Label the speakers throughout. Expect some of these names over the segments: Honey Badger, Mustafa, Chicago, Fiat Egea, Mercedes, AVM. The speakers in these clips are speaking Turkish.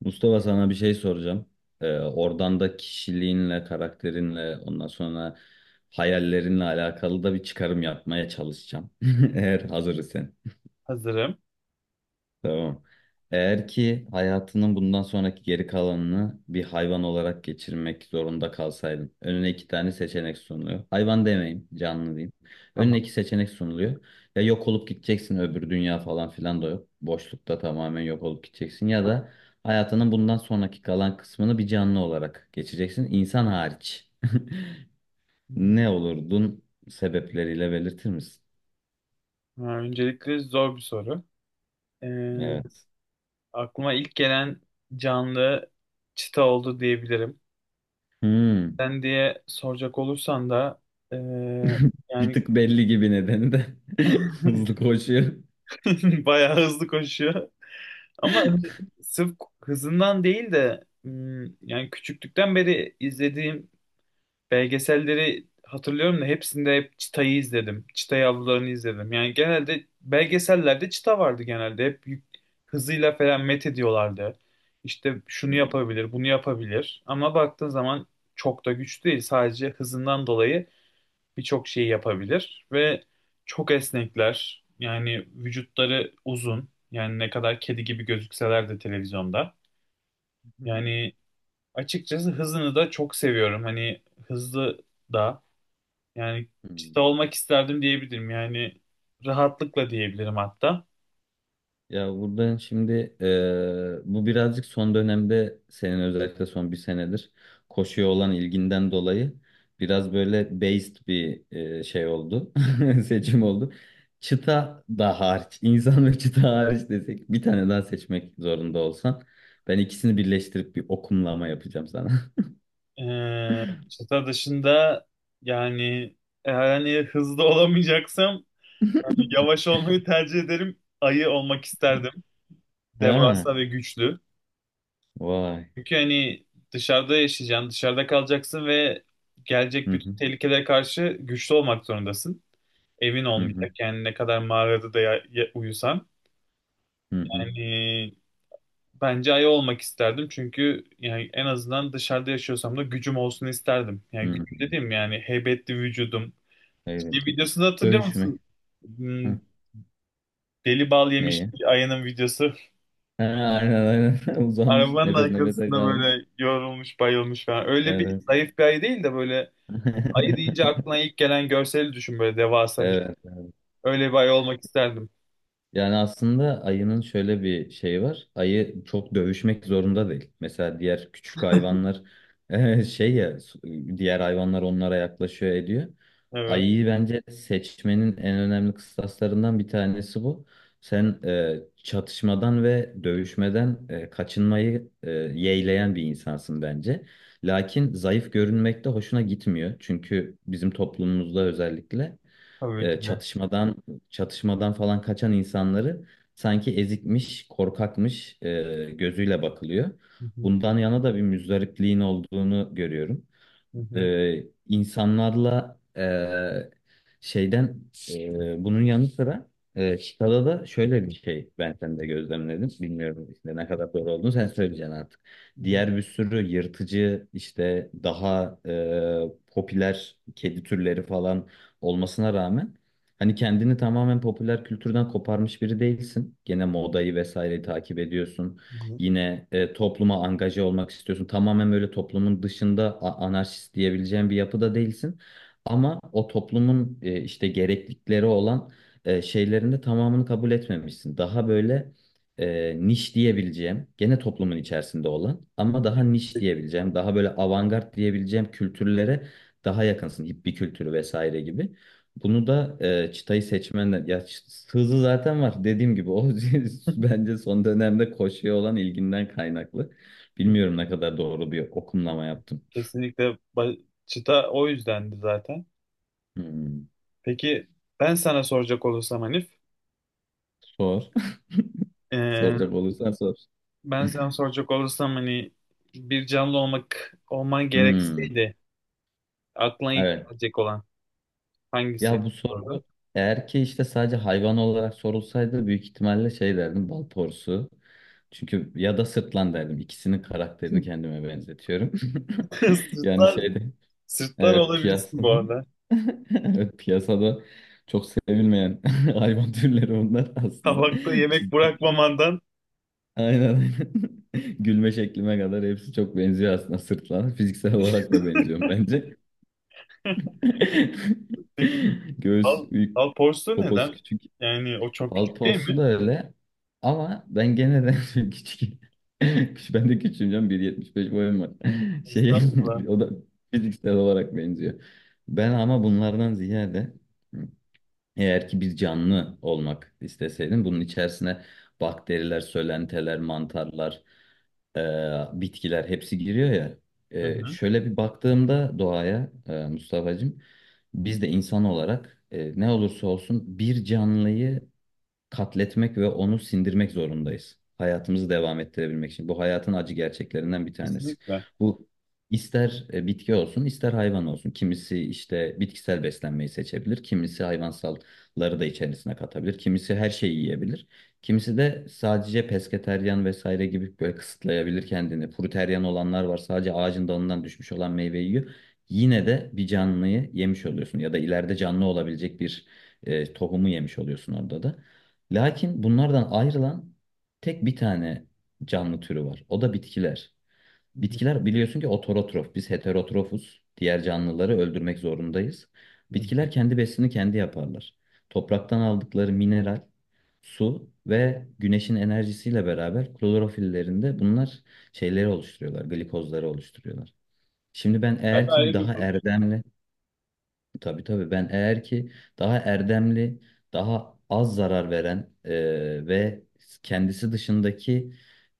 Speaker 1: Mustafa sana bir şey soracağım. Oradan da kişiliğinle, karakterinle, ondan sonra hayallerinle alakalı da bir çıkarım yapmaya çalışacağım. Eğer hazır isen.
Speaker 2: Hazırım.
Speaker 1: Tamam. Eğer ki hayatının bundan sonraki geri kalanını bir hayvan olarak geçirmek zorunda kalsaydın, önüne iki tane seçenek sunuluyor. Hayvan demeyeyim, canlı diyeyim.
Speaker 2: Tamam.
Speaker 1: Önüne iki seçenek sunuluyor. Ya yok olup gideceksin, öbür dünya falan filan da yok. Boşlukta tamamen yok olup gideceksin. Ya
Speaker 2: tamam.
Speaker 1: da hayatının bundan sonraki kalan kısmını bir canlı olarak geçeceksin, insan hariç.
Speaker 2: Hmm,
Speaker 1: Ne olurdun, sebepleriyle belirtir misin?
Speaker 2: öncelikle zor bir soru. Ee,
Speaker 1: Evet.
Speaker 2: Aklıma ilk gelen canlı çita oldu diyebilirim.
Speaker 1: Hmm.
Speaker 2: Sen diye soracak olursan da ee,
Speaker 1: Bir
Speaker 2: yani
Speaker 1: tık belli gibi nedeni de hızlı koşuyor.
Speaker 2: bayağı hızlı koşuyor. Ama hani sırf hızından değil de yani küçüklükten beri izlediğim belgeselleri hatırlıyorum da hepsinde hep çitayı izledim. Çitayı avlarını izledim. Yani genelde belgesellerde çita vardı genelde. Hızıyla falan met ediyorlardı. İşte şunu
Speaker 1: Hmm.
Speaker 2: yapabilir, bunu yapabilir. Ama baktığın zaman çok da güçlü değil. Sadece hızından dolayı birçok şeyi yapabilir. Ve çok esnekler. Yani vücutları uzun. Yani ne kadar kedi gibi gözükseler de televizyonda. Yani açıkçası hızını da çok seviyorum. Hani hızlı da yani çıta
Speaker 1: Hmm.
Speaker 2: olmak isterdim diyebilirim. Yani rahatlıkla diyebilirim hatta.
Speaker 1: Ya buradan şimdi bu birazcık son dönemde senin özellikle son bir senedir koşuya olan ilginden dolayı biraz böyle based bir şey oldu. Seçim oldu. Çıta da hariç, insan ve çıta hariç desek bir tane daha seçmek zorunda olsan ben ikisini birleştirip bir okumlama yapacağım sana.
Speaker 2: Çıta dışında yani eğer hani hızlı olamayacaksam yani yavaş olmayı tercih ederim. Ayı olmak isterdim.
Speaker 1: Ha,
Speaker 2: Devasa ve güçlü.
Speaker 1: vay.
Speaker 2: Çünkü hani dışarıda yaşayacaksın, dışarıda kalacaksın ve
Speaker 1: Hı
Speaker 2: gelecek bütün
Speaker 1: hı,
Speaker 2: tehlikelere karşı güçlü olmak zorundasın. Evin
Speaker 1: hı hı,
Speaker 2: olmayacak. Yani ne kadar mağarada da uyusan.
Speaker 1: hı hı.
Speaker 2: Yani bence ayı olmak isterdim. Çünkü yani en azından dışarıda yaşıyorsam da gücüm olsun isterdim. Yani
Speaker 1: Hı-hı.
Speaker 2: gücüm dediğim yani heybetli vücudum.
Speaker 1: Evet.
Speaker 2: Şey videosunu hatırlıyor
Speaker 1: Dövüşmek.
Speaker 2: musun? Hmm,
Speaker 1: Hı.
Speaker 2: deli bal yemiş
Speaker 1: Neye?
Speaker 2: ayının videosu.
Speaker 1: Ha, aynen aynen. Uzanmış.
Speaker 2: Arabanın
Speaker 1: Nefes nefese
Speaker 2: arkasında
Speaker 1: kalmış.
Speaker 2: böyle yorulmuş, bayılmış falan. Öyle bir
Speaker 1: Evet.
Speaker 2: zayıf bir ayı değil de böyle ayı deyince aklına ilk gelen görseli düşün böyle devasa bir şey.
Speaker 1: Evet.
Speaker 2: Öyle bir ayı olmak isterdim.
Speaker 1: Yani aslında ayının şöyle bir şeyi var. Ayı çok dövüşmek zorunda değil. Mesela diğer küçük hayvanlar şey ya diğer hayvanlar onlara yaklaşıyor ediyor.
Speaker 2: Evet.
Speaker 1: Ayıyı bence seçmenin en önemli kıstaslarından bir tanesi bu. Sen çatışmadan ve dövüşmeden kaçınmayı yeğleyen bir insansın bence. Lakin zayıf görünmek de hoşuna gitmiyor. Çünkü bizim toplumumuzda özellikle
Speaker 2: Tabii
Speaker 1: e,
Speaker 2: ki de.
Speaker 1: çatışmadan çatışmadan falan kaçan insanları sanki ezikmiş, korkakmış gözüyle bakılıyor.
Speaker 2: Hı hı,
Speaker 1: Bundan yana da bir müzdarikliğin olduğunu görüyorum,
Speaker 2: hı hı,
Speaker 1: insanlarla, şeyden, bunun yanı sıra Chicago'da da şöyle bir şey ben sende gözlemledim. Bilmiyorum işte ne kadar doğru olduğunu sen söyleyeceksin artık.
Speaker 2: hı hı,
Speaker 1: Diğer bir sürü yırtıcı işte daha popüler kedi türleri falan olmasına rağmen hani kendini tamamen popüler kültürden koparmış biri değilsin. Gene modayı vesaireyi takip ediyorsun.
Speaker 2: hı hı.
Speaker 1: Yine topluma angaje olmak istiyorsun. Tamamen böyle toplumun dışında anarşist diyebileceğin bir yapıda değilsin. Ama o toplumun işte gereklilikleri olan şeylerin de tamamını kabul etmemişsin. Daha böyle niş diyebileceğim, gene toplumun içerisinde olan ama daha niş diyebileceğim, daha böyle avantgard diyebileceğim kültürlere daha yakınsın. Hippie kültürü vesaire gibi. Bunu da çıtayı seçmenler ya hızı zaten var dediğim gibi o bence son dönemde koşuya olan ilginden kaynaklı. Bilmiyorum ne kadar doğru bir okumlama yaptım.
Speaker 2: Kesinlikle, çıta o yüzdendi zaten.
Speaker 1: Hmm,
Speaker 2: Peki ben sana soracak olursam Hanif,
Speaker 1: sor.
Speaker 2: eee,
Speaker 1: Soracak olursan sor.
Speaker 2: ben sana soracak olursam hani bir canlı olman
Speaker 1: Hmm,
Speaker 2: gerekseydi aklına ilk
Speaker 1: evet.
Speaker 2: gelecek olan hangisi
Speaker 1: Ya bu
Speaker 2: olurdu?
Speaker 1: soru eğer ki işte sadece hayvan olarak sorulsaydı büyük ihtimalle şey derdim, bal porsu. Çünkü ya da sırtlan derdim. İkisinin karakterini kendime benzetiyorum. Yani
Speaker 2: Sırtlar,
Speaker 1: şeyde
Speaker 2: sırtlar
Speaker 1: evet piyasa.
Speaker 2: olabilirsin bu arada.
Speaker 1: Evet, piyasada çok sevilmeyen hayvan türleri onlar aslında.
Speaker 2: Tabakta yemek
Speaker 1: Çizgi.
Speaker 2: bırakmamandan.
Speaker 1: Aynen aynen. Gülme şeklime kadar hepsi çok benziyor aslında sırtlan. Fiziksel olarak da benziyorum bence.
Speaker 2: Peki
Speaker 1: Göğüs
Speaker 2: al,
Speaker 1: büyük,
Speaker 2: al porsiyon
Speaker 1: poposu
Speaker 2: neden?
Speaker 1: küçük.
Speaker 2: Yani o çok küçük değil
Speaker 1: Balporsu da
Speaker 2: mi?
Speaker 1: öyle. Ama ben gene de küçük. Ben de küçüğüm canım. 1,75 boyum var. Şey,
Speaker 2: Estağfurullah.
Speaker 1: o da fiziksel olarak benziyor. Ben ama bunlardan ziyade eğer ki bir canlı olmak isteseydim bunun içerisine bakteriler, sölenteler, mantarlar, e, bitkiler hepsi giriyor ya.
Speaker 2: Hı hı.
Speaker 1: Şöyle bir baktığımda doğaya, Mustafa'cığım, biz de insan olarak ne olursa olsun bir canlıyı katletmek ve onu sindirmek zorundayız. Hayatımızı devam ettirebilmek için. Bu hayatın acı gerçeklerinden bir tanesi.
Speaker 2: Kesinlikle.
Speaker 1: Bu ister bitki olsun, ister hayvan olsun. Kimisi işte bitkisel beslenmeyi seçebilir, kimisi hayvansalları da içerisine katabilir, kimisi her şeyi yiyebilir. Kimisi de sadece pesketeryan vesaire gibi böyle kısıtlayabilir kendini. Fruteryan olanlar var, sadece ağacın dalından düşmüş olan meyveyi yiyor. Yine de bir canlıyı yemiş oluyorsun ya da ileride canlı olabilecek bir tohumu yemiş oluyorsun orada da. Lakin bunlardan ayrılan tek bir tane canlı türü var. O da bitkiler.
Speaker 2: Hı hı.
Speaker 1: Bitkiler biliyorsun ki ototrof. Biz heterotrofuz. Diğer canlıları öldürmek zorundayız.
Speaker 2: Hı hı.
Speaker 1: Bitkiler kendi besini kendi yaparlar. Topraktan aldıkları mineral, su ve güneşin enerjisiyle beraber klorofillerinde bunlar şeyleri oluşturuyorlar, glikozları oluşturuyorlar. Şimdi ben
Speaker 2: Tabii
Speaker 1: eğer ki bir
Speaker 2: ayrı bir
Speaker 1: daha
Speaker 2: grup
Speaker 1: erdemli tabii tabii ben eğer ki daha erdemli, daha az zarar veren ve kendisi dışındaki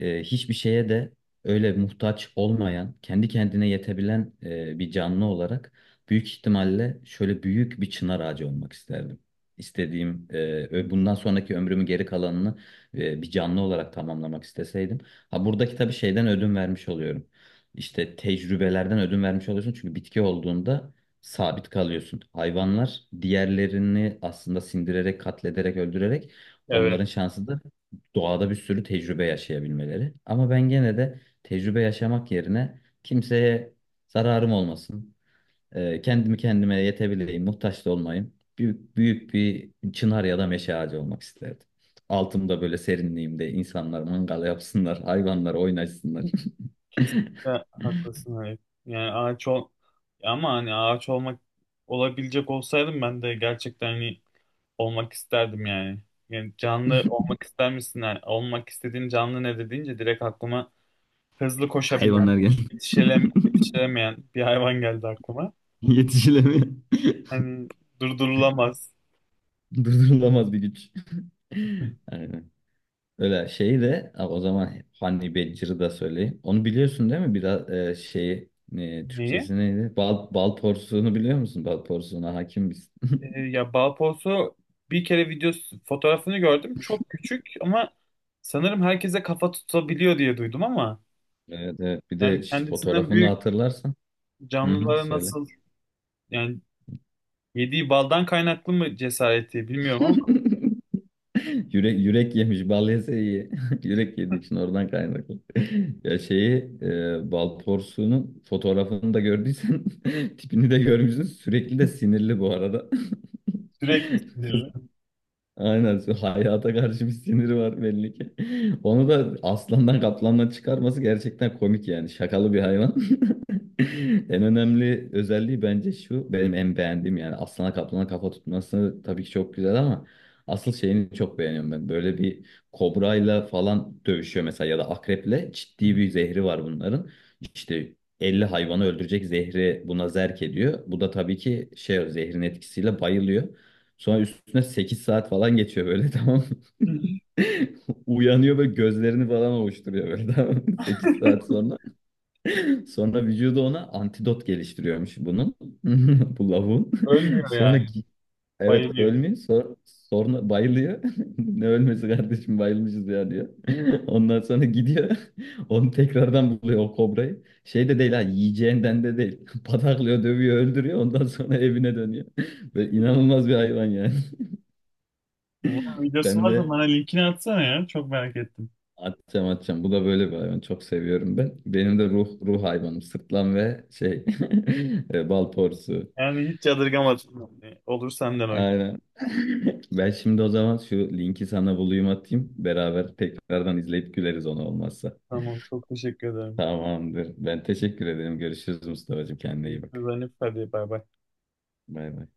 Speaker 1: hiçbir şeye de öyle muhtaç olmayan, kendi kendine yetebilen bir canlı olarak büyük ihtimalle şöyle büyük bir çınar ağacı olmak isterdim. İstediğim,
Speaker 2: yani.
Speaker 1: bundan sonraki ömrümü geri kalanını bir canlı olarak tamamlamak isteseydim. Ha buradaki tabii şeyden ödün vermiş oluyorum. İşte tecrübelerden ödün vermiş oluyorsun çünkü bitki olduğunda sabit kalıyorsun. Hayvanlar diğerlerini aslında sindirerek, katlederek, öldürerek
Speaker 2: Evet.
Speaker 1: onların şansı da doğada bir sürü tecrübe yaşayabilmeleri. Ama ben gene de tecrübe yaşamak yerine kimseye zararım olmasın, kendimi kendime yetebileyim, muhtaç da olmayayım. Büyük, büyük bir çınar ya da meşe ağacı olmak isterdim. Altımda böyle serinliğimde insanlar mangal yapsınlar, hayvanlar oynaşsınlar.
Speaker 2: Kesinlikle haklısın Halep. Yani ağaç ol ama hani ağaç olmak olabilecek olsaydım ben de gerçekten hani olmak isterdim yani. Yani canlı olmak ister misin? Yani olmak istediğin canlı nedir deyince direkt aklıma hızlı koşabilen,
Speaker 1: Hayvanlar gel.
Speaker 2: yetişilemeyen bir hayvan geldi aklıma.
Speaker 1: Yetişilemiyor.
Speaker 2: Hani durdurulamaz.
Speaker 1: Durdurulamaz bir güç. Aynen. Öyle şey de ha, o zaman Honey Badger'ı da söyleyeyim. Onu biliyorsun değil mi? Biraz şeyi,
Speaker 2: Neyi?
Speaker 1: Türkçesi neydi? Bal porsuğunu biliyor musun? Bal porsuğuna hakim misin?
Speaker 2: Ya balposu bir kere videosu fotoğrafını gördüm. Çok küçük ama sanırım herkese kafa tutabiliyor diye duydum ama
Speaker 1: Evet, evet. Bir de
Speaker 2: yani kendisinden
Speaker 1: fotoğrafını
Speaker 2: büyük
Speaker 1: hatırlarsan. Hı hı,
Speaker 2: canlılara
Speaker 1: söyle.
Speaker 2: nasıl yani yediği baldan kaynaklı mı cesareti bilmiyorum ama
Speaker 1: Yürek yemiş. Bal yese iyi. Yürek yediği için oradan kaynaklı. Ya şeyi, bal porsuğunun fotoğrafını da gördüysen tipini de görmüşsün. Sürekli de sinirli bu arada.
Speaker 2: sürekli sinirli.
Speaker 1: Aynen. Hayata karşı bir siniri var belli ki. Onu da aslandan kaplandan çıkarması gerçekten komik yani. Şakalı bir hayvan. En önemli özelliği bence şu, benim en beğendiğim, yani aslana kaplana kafa tutması tabii ki çok güzel ama asıl şeyini çok beğeniyorum ben. Böyle bir kobrayla falan dövüşüyor mesela ya da akreple, ciddi bir zehri var bunların. İşte 50 hayvanı öldürecek zehri buna zerk ediyor. Bu da tabii ki şey, zehrin etkisiyle bayılıyor. Sonra üstüne 8 saat falan geçiyor böyle tamam mı? Uyanıyor ve gözlerini falan ovuşturuyor böyle, tamam mı? 8 saat sonra. Sonra vücudu ona antidot geliştiriyormuş bunun. Bu lavuğun.
Speaker 2: Ölmüyor
Speaker 1: Sonra
Speaker 2: yani.
Speaker 1: gi- evet,
Speaker 2: Bayılıyor.
Speaker 1: ölmüyor. Sonra bayılıyor. Ne ölmesi kardeşim, bayılmışız ya diyor. Ondan sonra gidiyor. Onu tekrardan buluyor o kobrayı. Şey de değil ha, yiyeceğinden de değil. Pataklıyor, dövüyor, öldürüyor. Ondan sonra evine dönüyor. Böyle inanılmaz bir hayvan yani.
Speaker 2: Bunun videosu
Speaker 1: Ben
Speaker 2: varsa
Speaker 1: de
Speaker 2: bana linkini atsana ya. Çok merak ettim.
Speaker 1: atacağım atacağım. Bu da böyle bir hayvan. Çok seviyorum ben. Benim de ruh hayvanım. Sırtlan ve şey bal porsu.
Speaker 2: Yani hiç yadırgamadım. Olur senden o. gün.
Speaker 1: Aynen. Ben şimdi o zaman şu linki sana bulayım atayım. Beraber tekrardan izleyip güleriz ona olmazsa.
Speaker 2: Tamam. Çok teşekkür ederim.
Speaker 1: Tamamdır. Ben teşekkür ederim. Görüşürüz Mustafa'cığım. Kendine iyi bak.
Speaker 2: Görüşürüz Hanif. Hadi bay bay.
Speaker 1: Bay bay.